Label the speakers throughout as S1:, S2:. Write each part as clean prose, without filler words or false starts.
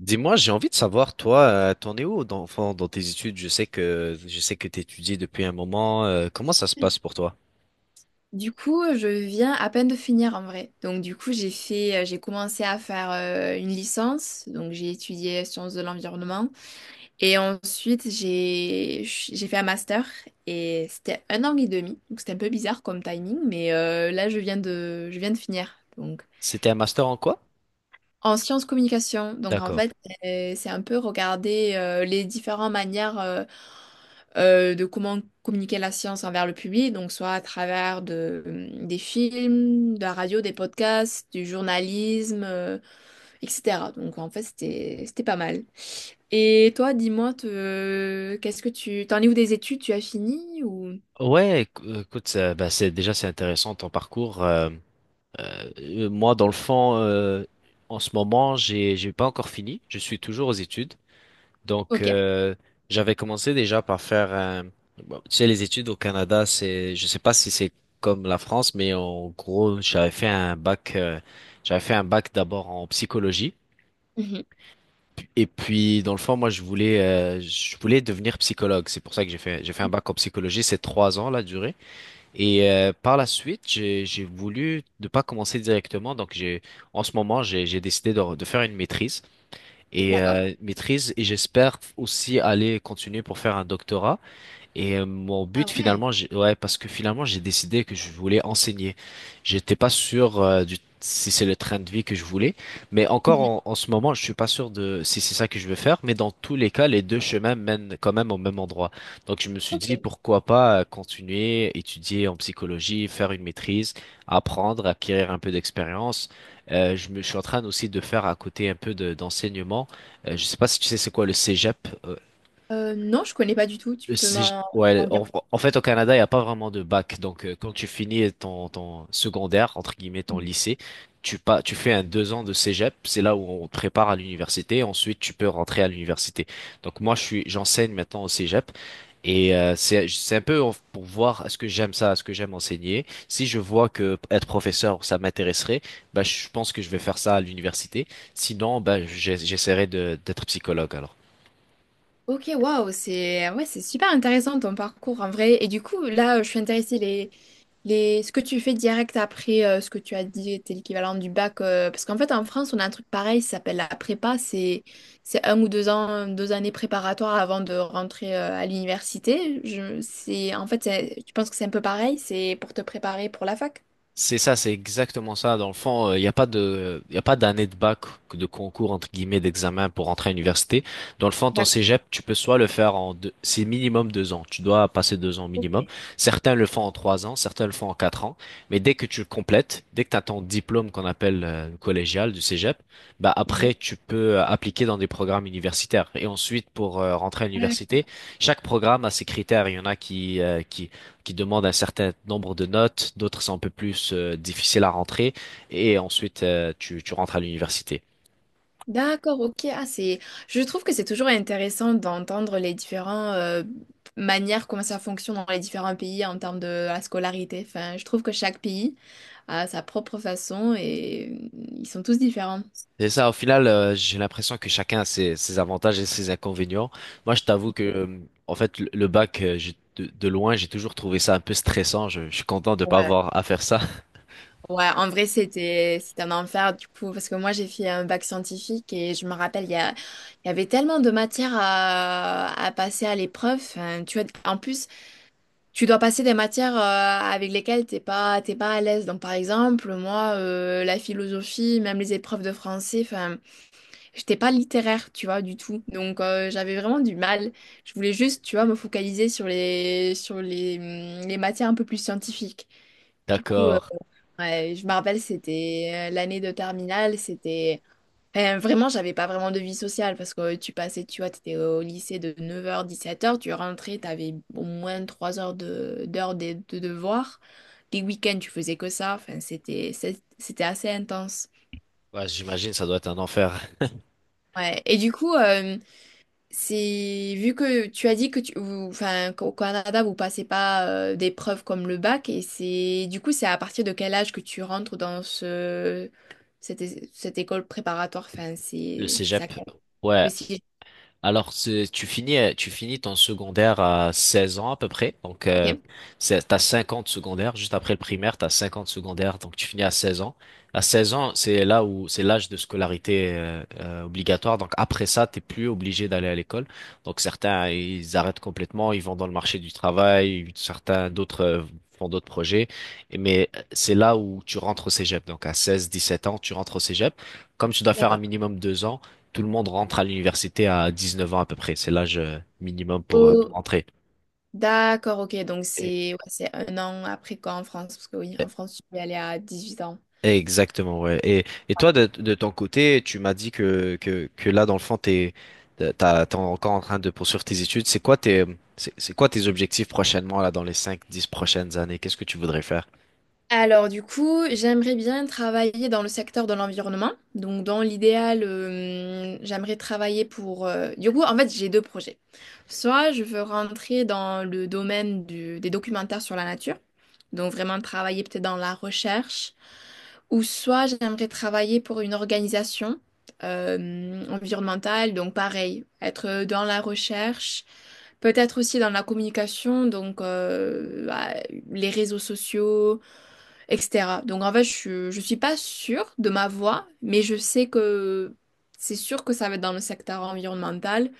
S1: Dis-moi, j'ai envie de savoir, toi, t'en es où enfin, dans tes études? Je sais que t'étudies depuis un moment. Comment ça se passe pour toi?
S2: Du coup, je viens à peine de finir en vrai. Donc, du coup, j'ai fait, j'ai commencé à faire une licence. Donc, j'ai étudié sciences de l'environnement. Et ensuite, j'ai fait un master. Et c'était un an et demi. Donc, c'était un peu bizarre comme timing. Mais là, je viens de finir. Donc.
S1: C'était un master en quoi?
S2: En sciences communication, donc en
S1: D'accord.
S2: fait, c'est un peu regarder les différentes manières de comment communiquer la science envers le public, donc soit à travers de, des films, de la radio, des podcasts, du journalisme, etc. Donc en fait, c'était pas mal. Et toi, dis-moi, qu'est-ce que tu... T'en es où des études? Tu as fini ou...
S1: Ouais, écoute, bah, c'est intéressant ton parcours. Moi, dans le fond, en ce moment, j'ai pas encore fini. Je suis toujours aux études. Donc,
S2: Ok.
S1: j'avais commencé déjà par faire un. Bon, tu sais, les études au Canada, je sais pas si c'est comme la France, mais en gros, j'avais fait un bac, j'avais fait un bac d'abord en psychologie.
S2: Mhm.
S1: Et puis, dans le fond, moi, je voulais devenir psychologue. C'est pour ça que j'ai fait un bac en psychologie. C'est trois ans, la durée. Et par la suite, j'ai voulu ne pas commencer directement. Donc, j'ai en ce moment, j'ai décidé de faire une maîtrise et
S2: D'accord.
S1: maîtrise. Et j'espère aussi aller continuer pour faire un doctorat. Et mon
S2: Ah
S1: but
S2: ouais.
S1: finalement, ouais, parce que finalement j'ai décidé que je voulais enseigner. J'étais pas sûr du si c'est le train de vie que je voulais, mais encore
S2: Mhm.
S1: en ce moment, je suis pas sûr de si c'est ça que je veux faire. Mais dans tous les cas, les deux chemins mènent quand même au même endroit. Donc je me suis
S2: Ok.
S1: dit pourquoi pas continuer, étudier en psychologie, faire une maîtrise, apprendre, acquérir un peu d'expérience. Je suis en train aussi de faire à côté un peu d'enseignement. Je sais pas si tu sais c'est quoi le cégep
S2: Non, je connais pas du tout. Tu peux
S1: ouais,
S2: m'en dire.
S1: en fait, au Canada, il n'y a pas vraiment de bac. Donc, quand tu finis ton secondaire, entre guillemets, ton lycée, tu, pas, tu fais un 2 ans de cégep. C'est là où on te prépare à l'université. Ensuite, tu peux rentrer à l'université. Donc, moi, j'enseigne maintenant au cégep. Et c'est un peu pour voir est-ce que j'aime ça, est-ce que j'aime enseigner. Si je vois que être professeur, ça m'intéresserait, bah, je pense que je vais faire ça à l'université. Sinon, bah, j'essaierai d'être psychologue alors.
S2: Ok, waouh, c'est ouais, c'est super intéressant ton parcours en vrai. Et du coup, là, je suis intéressée les ce que tu fais direct après ce que tu as dit était l'équivalent du bac parce qu'en fait en France, on a un truc pareil, ça s'appelle la prépa, c'est 1 ou 2 ans, 2 années préparatoires avant de rentrer à l'université. Je c'est en fait, tu penses que c'est un peu pareil, c'est pour te préparer pour la fac?
S1: C'est ça, c'est exactement ça. Dans le fond, il n'y a pas de, il a pas d'année de bac, de concours, entre guillemets, d'examen pour entrer à l'université. Dans le fond, ton
S2: D'accord.
S1: cégep, tu peux soit le faire en deux, c'est minimum 2 ans. Tu dois passer 2 ans minimum. Certains le font en 3 ans, certains le font en 4 ans. Mais dès que tu le complètes, dès que tu as ton diplôme qu'on appelle collégial du cégep, bah
S2: Mhm.
S1: après, tu peux appliquer dans des programmes universitaires. Et ensuite, pour rentrer à l'université, chaque programme a ses critères. Il y en a qui demandent un certain nombre de notes, d'autres sont un peu plus difficiles à rentrer, et ensuite tu rentres à l'université.
S2: D'accord, ok. Ah, c'est... Je trouve que c'est toujours intéressant d'entendre les différentes manières, comment ça fonctionne dans les différents pays en termes de la scolarité. Enfin, je trouve que chaque pays a sa propre façon et ils sont tous différents.
S1: C'est ça, au final, j'ai l'impression que chacun a ses avantages et ses inconvénients. Moi, je t'avoue que, en fait, le bac, de loin, j'ai toujours trouvé ça un peu stressant. Je suis content de pas
S2: Ouais,
S1: avoir à faire ça.
S2: ouais, en vrai, c'était un enfer du coup, parce que moi j'ai fait un bac scientifique et je me rappelle, il y avait tellement de matières à passer à l'épreuve. Enfin, tu vois, en plus, tu dois passer des matières avec lesquelles t'es pas à l'aise. Donc par exemple, moi, la philosophie, même les épreuves de français, enfin, j'étais pas littéraire, tu vois, du tout. Donc j'avais vraiment du mal. Je voulais juste, tu vois, me focaliser sur les matières un peu plus scientifiques. Du coup,
S1: D'accord.
S2: ouais, je me rappelle, c'était l'année de terminale, c'était. Enfin, vraiment, j'avais pas vraiment de vie sociale parce que tu passais, tu vois, t'étais au lycée de 9h 17h tu rentrais, t'avais au moins 3 heures de devoirs. Les week-ends, tu faisais que ça. Enfin, c'était assez intense.
S1: Ouais, j'imagine, ça doit être un enfer.
S2: Ouais. Et du coup, c'est vu que tu as dit que enfin, qu'au Canada, vous passez pas d'épreuves comme le bac, et c'est, du coup, c'est à partir de quel âge que tu rentres dans cette école préparatoire? Enfin,
S1: Le
S2: c'est, ça,
S1: cégep. Ouais,
S2: le sixième.
S1: alors, tu finis ton secondaire à 16 ans à peu près. Donc,
S2: Ok,
S1: t'as 50 secondaires. Juste après le primaire, t'as 50 secondaires. Donc, tu finis à 16 ans. À 16 ans, c'est là où c'est l'âge de scolarité obligatoire. Donc, après ça, t'es plus obligé d'aller à l'école. Donc, certains, ils arrêtent complètement. Ils vont dans le marché du travail. Certains, d'autres font d'autres projets. Mais c'est là où tu rentres au cégep. Donc, à 16, 17 ans, tu rentres au cégep. Comme tu dois faire un
S2: d'accord.
S1: minimum 2 ans, tout le monde rentre à l'université à 19 ans à peu près. C'est l'âge minimum pour
S2: Oh,
S1: rentrer.
S2: d'accord, ok. Donc
S1: Et-
S2: c'est ouais, c'est un an après quoi en France? Parce que oui, en
S1: et-
S2: France, tu peux y aller à 18 ans.
S1: Exactement, ouais. Et toi, de ton côté, tu m'as dit que là, dans le fond, t'es encore en train de poursuivre tes études. C'est quoi tes objectifs prochainement, là, dans les cinq dix prochaines années? Qu'est-ce que tu voudrais faire?
S2: Alors du coup, j'aimerais bien travailler dans le secteur de l'environnement. Donc dans l'idéal, j'aimerais travailler pour... Du coup, en fait, j'ai deux projets. Soit je veux rentrer dans le domaine des documentaires sur la nature, donc vraiment travailler peut-être dans la recherche, ou soit j'aimerais travailler pour une organisation environnementale, donc pareil, être dans la recherche. Peut-être aussi dans la communication, donc bah, les réseaux sociaux, etc. Donc en fait, je suis pas sûre de ma voie, mais je sais que c'est sûr que ça va être dans le secteur environnemental,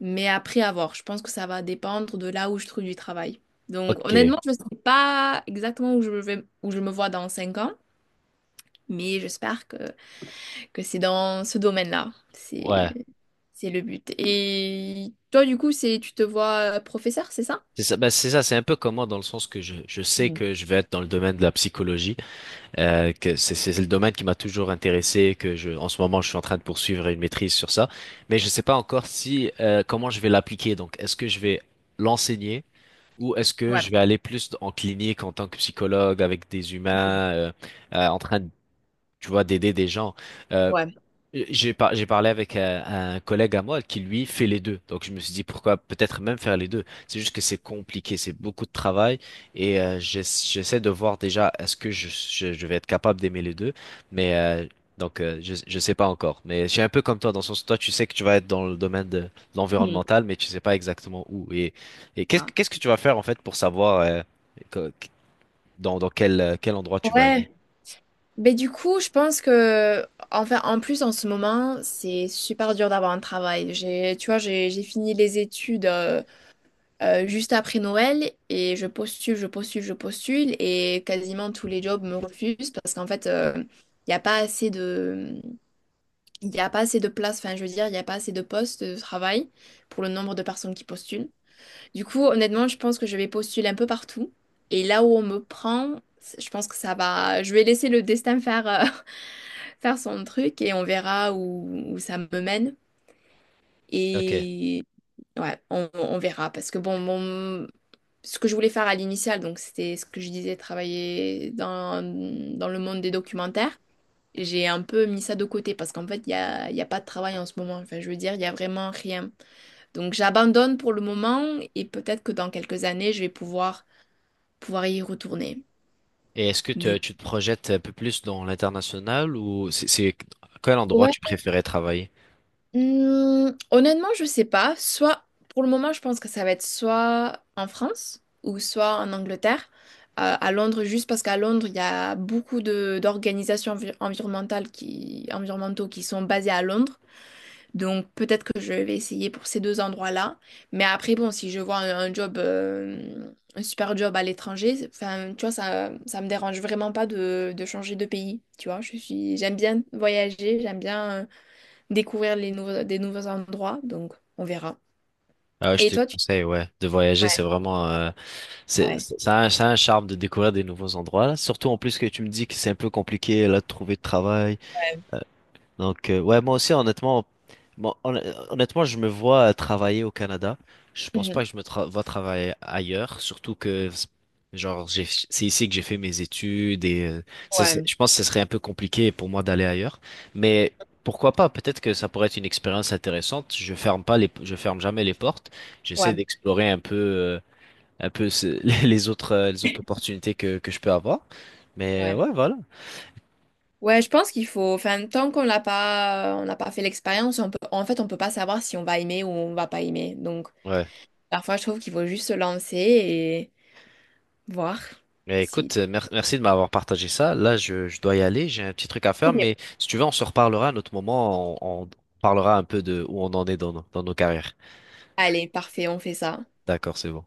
S2: mais après à voir. Je pense que ça va dépendre de là où je trouve du travail. Donc
S1: Ok,
S2: honnêtement, je ne sais pas exactement où je vais, où je me vois dans 5 ans, mais j'espère que c'est dans ce domaine-là.
S1: ouais.
S2: C'est le but. Et toi, du coup, c'est, tu te vois professeur, c'est ça?
S1: C'est ça, ben c'est ça, c'est un peu comme moi dans le sens que je sais
S2: Mhm.
S1: que je vais être dans le domaine de la psychologie. Que c'est le domaine qui m'a toujours intéressé, en ce moment, je suis en train de poursuivre une maîtrise sur ça, mais je sais pas encore si comment je vais l'appliquer. Donc, est-ce que je vais l'enseigner ou est-ce que
S2: Ouais.
S1: je vais aller plus en clinique en tant que psychologue avec des
S2: Mhm.
S1: humains, en train de, tu vois, d'aider des gens. Euh,
S2: Ouais.
S1: j'ai parlé avec un collègue à moi qui lui fait les deux. Donc je me suis dit pourquoi peut-être même faire les deux. C'est juste que c'est compliqué, c'est beaucoup de travail et j'essaie de voir déjà est-ce que je vais être capable d'aimer les deux. Mais donc je sais pas encore. Mais je suis un peu comme toi dans le sens où toi tu sais que tu vas être dans le domaine de
S2: Mhm.
S1: l'environnemental mais tu sais pas exactement où. Et
S2: Ah.
S1: qu'est-ce que tu vas faire en fait pour savoir que- dans quel endroit tu vas aimer?
S2: Ouais, mais du coup, je pense que, enfin, en plus, en ce moment, c'est super dur d'avoir un travail. J'ai, tu vois, j'ai fini les études juste après Noël et je postule, je postule, je postule et quasiment tous les jobs me refusent parce qu'en fait, il n'y a pas assez de, il y a pas assez de place, enfin, je veux dire, il n'y a pas assez de postes de travail pour le nombre de personnes qui postulent. Du coup, honnêtement, je pense que je vais postuler un peu partout. Et là où on me prend, c'est- je pense que ça va. Je vais laisser le destin faire, faire son truc et on verra où ça me mène.
S1: Ok.
S2: Et ouais, on verra. Parce que bon, ce que je voulais faire à l'initial, donc c'était ce que je disais, travailler dans le monde des documentaires. J'ai un peu mis ça de côté parce qu'en fait, il y a pas de travail en ce moment. Enfin, je veux dire, il n'y a vraiment rien. Donc j'abandonne pour le moment et peut-être que dans quelques années, je vais pouvoir y retourner.
S1: Et est-ce que
S2: Mais
S1: tu te projettes un peu plus dans l'international ou à quel endroit
S2: ouais,
S1: tu préférais travailler?
S2: honnêtement, je sais pas. Soit pour le moment, je pense que ça va être soit en France ou soit en Angleterre. À Londres, juste parce qu'à Londres, il y a beaucoup de d'organisations environnementales qui, environnementaux qui sont basées à Londres. Donc peut-être que je vais essayer pour ces deux endroits-là. Mais après, bon, si je vois un job, un super job à l'étranger, c'est- enfin, tu vois, ça me dérange vraiment pas de changer de pays. Tu vois, j'aime bien voyager, j'aime bien découvrir des nouveaux endroits. Donc on verra.
S1: Ah, ouais, je
S2: Et
S1: te
S2: toi, tu...
S1: conseille, ouais, de voyager, c'est vraiment,
S2: Ouais,
S1: ça a un charme de découvrir des nouveaux endroits, là. Surtout en plus que tu me dis que c'est un peu compliqué, là, de trouver de travail. Donc, ouais, moi aussi, honnêtement, moi, honn- je me vois travailler au Canada. Je pense pas
S2: Mhm.
S1: que je me vois travailler ailleurs, surtout que, genre, c'est ici que j'ai fait mes études et
S2: ouais,
S1: je pense que ce serait un peu compliqué pour moi d'aller ailleurs. Mais pourquoi pas? Peut-être que ça pourrait être une expérience intéressante. Je ferme pas les, je ferme jamais les portes. J'essaie
S2: ouais,
S1: d'explorer un peu les autres opportunités que je peux avoir. Mais
S2: ouais.
S1: ouais, voilà.
S2: Ouais, je pense qu'il faut, enfin, tant qu'on l'a pas, on n'a pas fait l'expérience, on peut, en fait, on peut pas savoir si on va aimer ou on va pas aimer. Donc,
S1: Ouais.
S2: parfois, je trouve qu'il faut juste se lancer voir
S1: Eh,
S2: si.
S1: écoute, merci de m'avoir partagé ça. Là, je dois y aller, j'ai un petit truc à faire,
S2: Ok.
S1: mais si tu veux, on se reparlera à un autre moment, on parlera un peu de où on en est dans dans nos carrières.
S2: Allez, parfait, on fait ça.
S1: D'accord, c'est bon.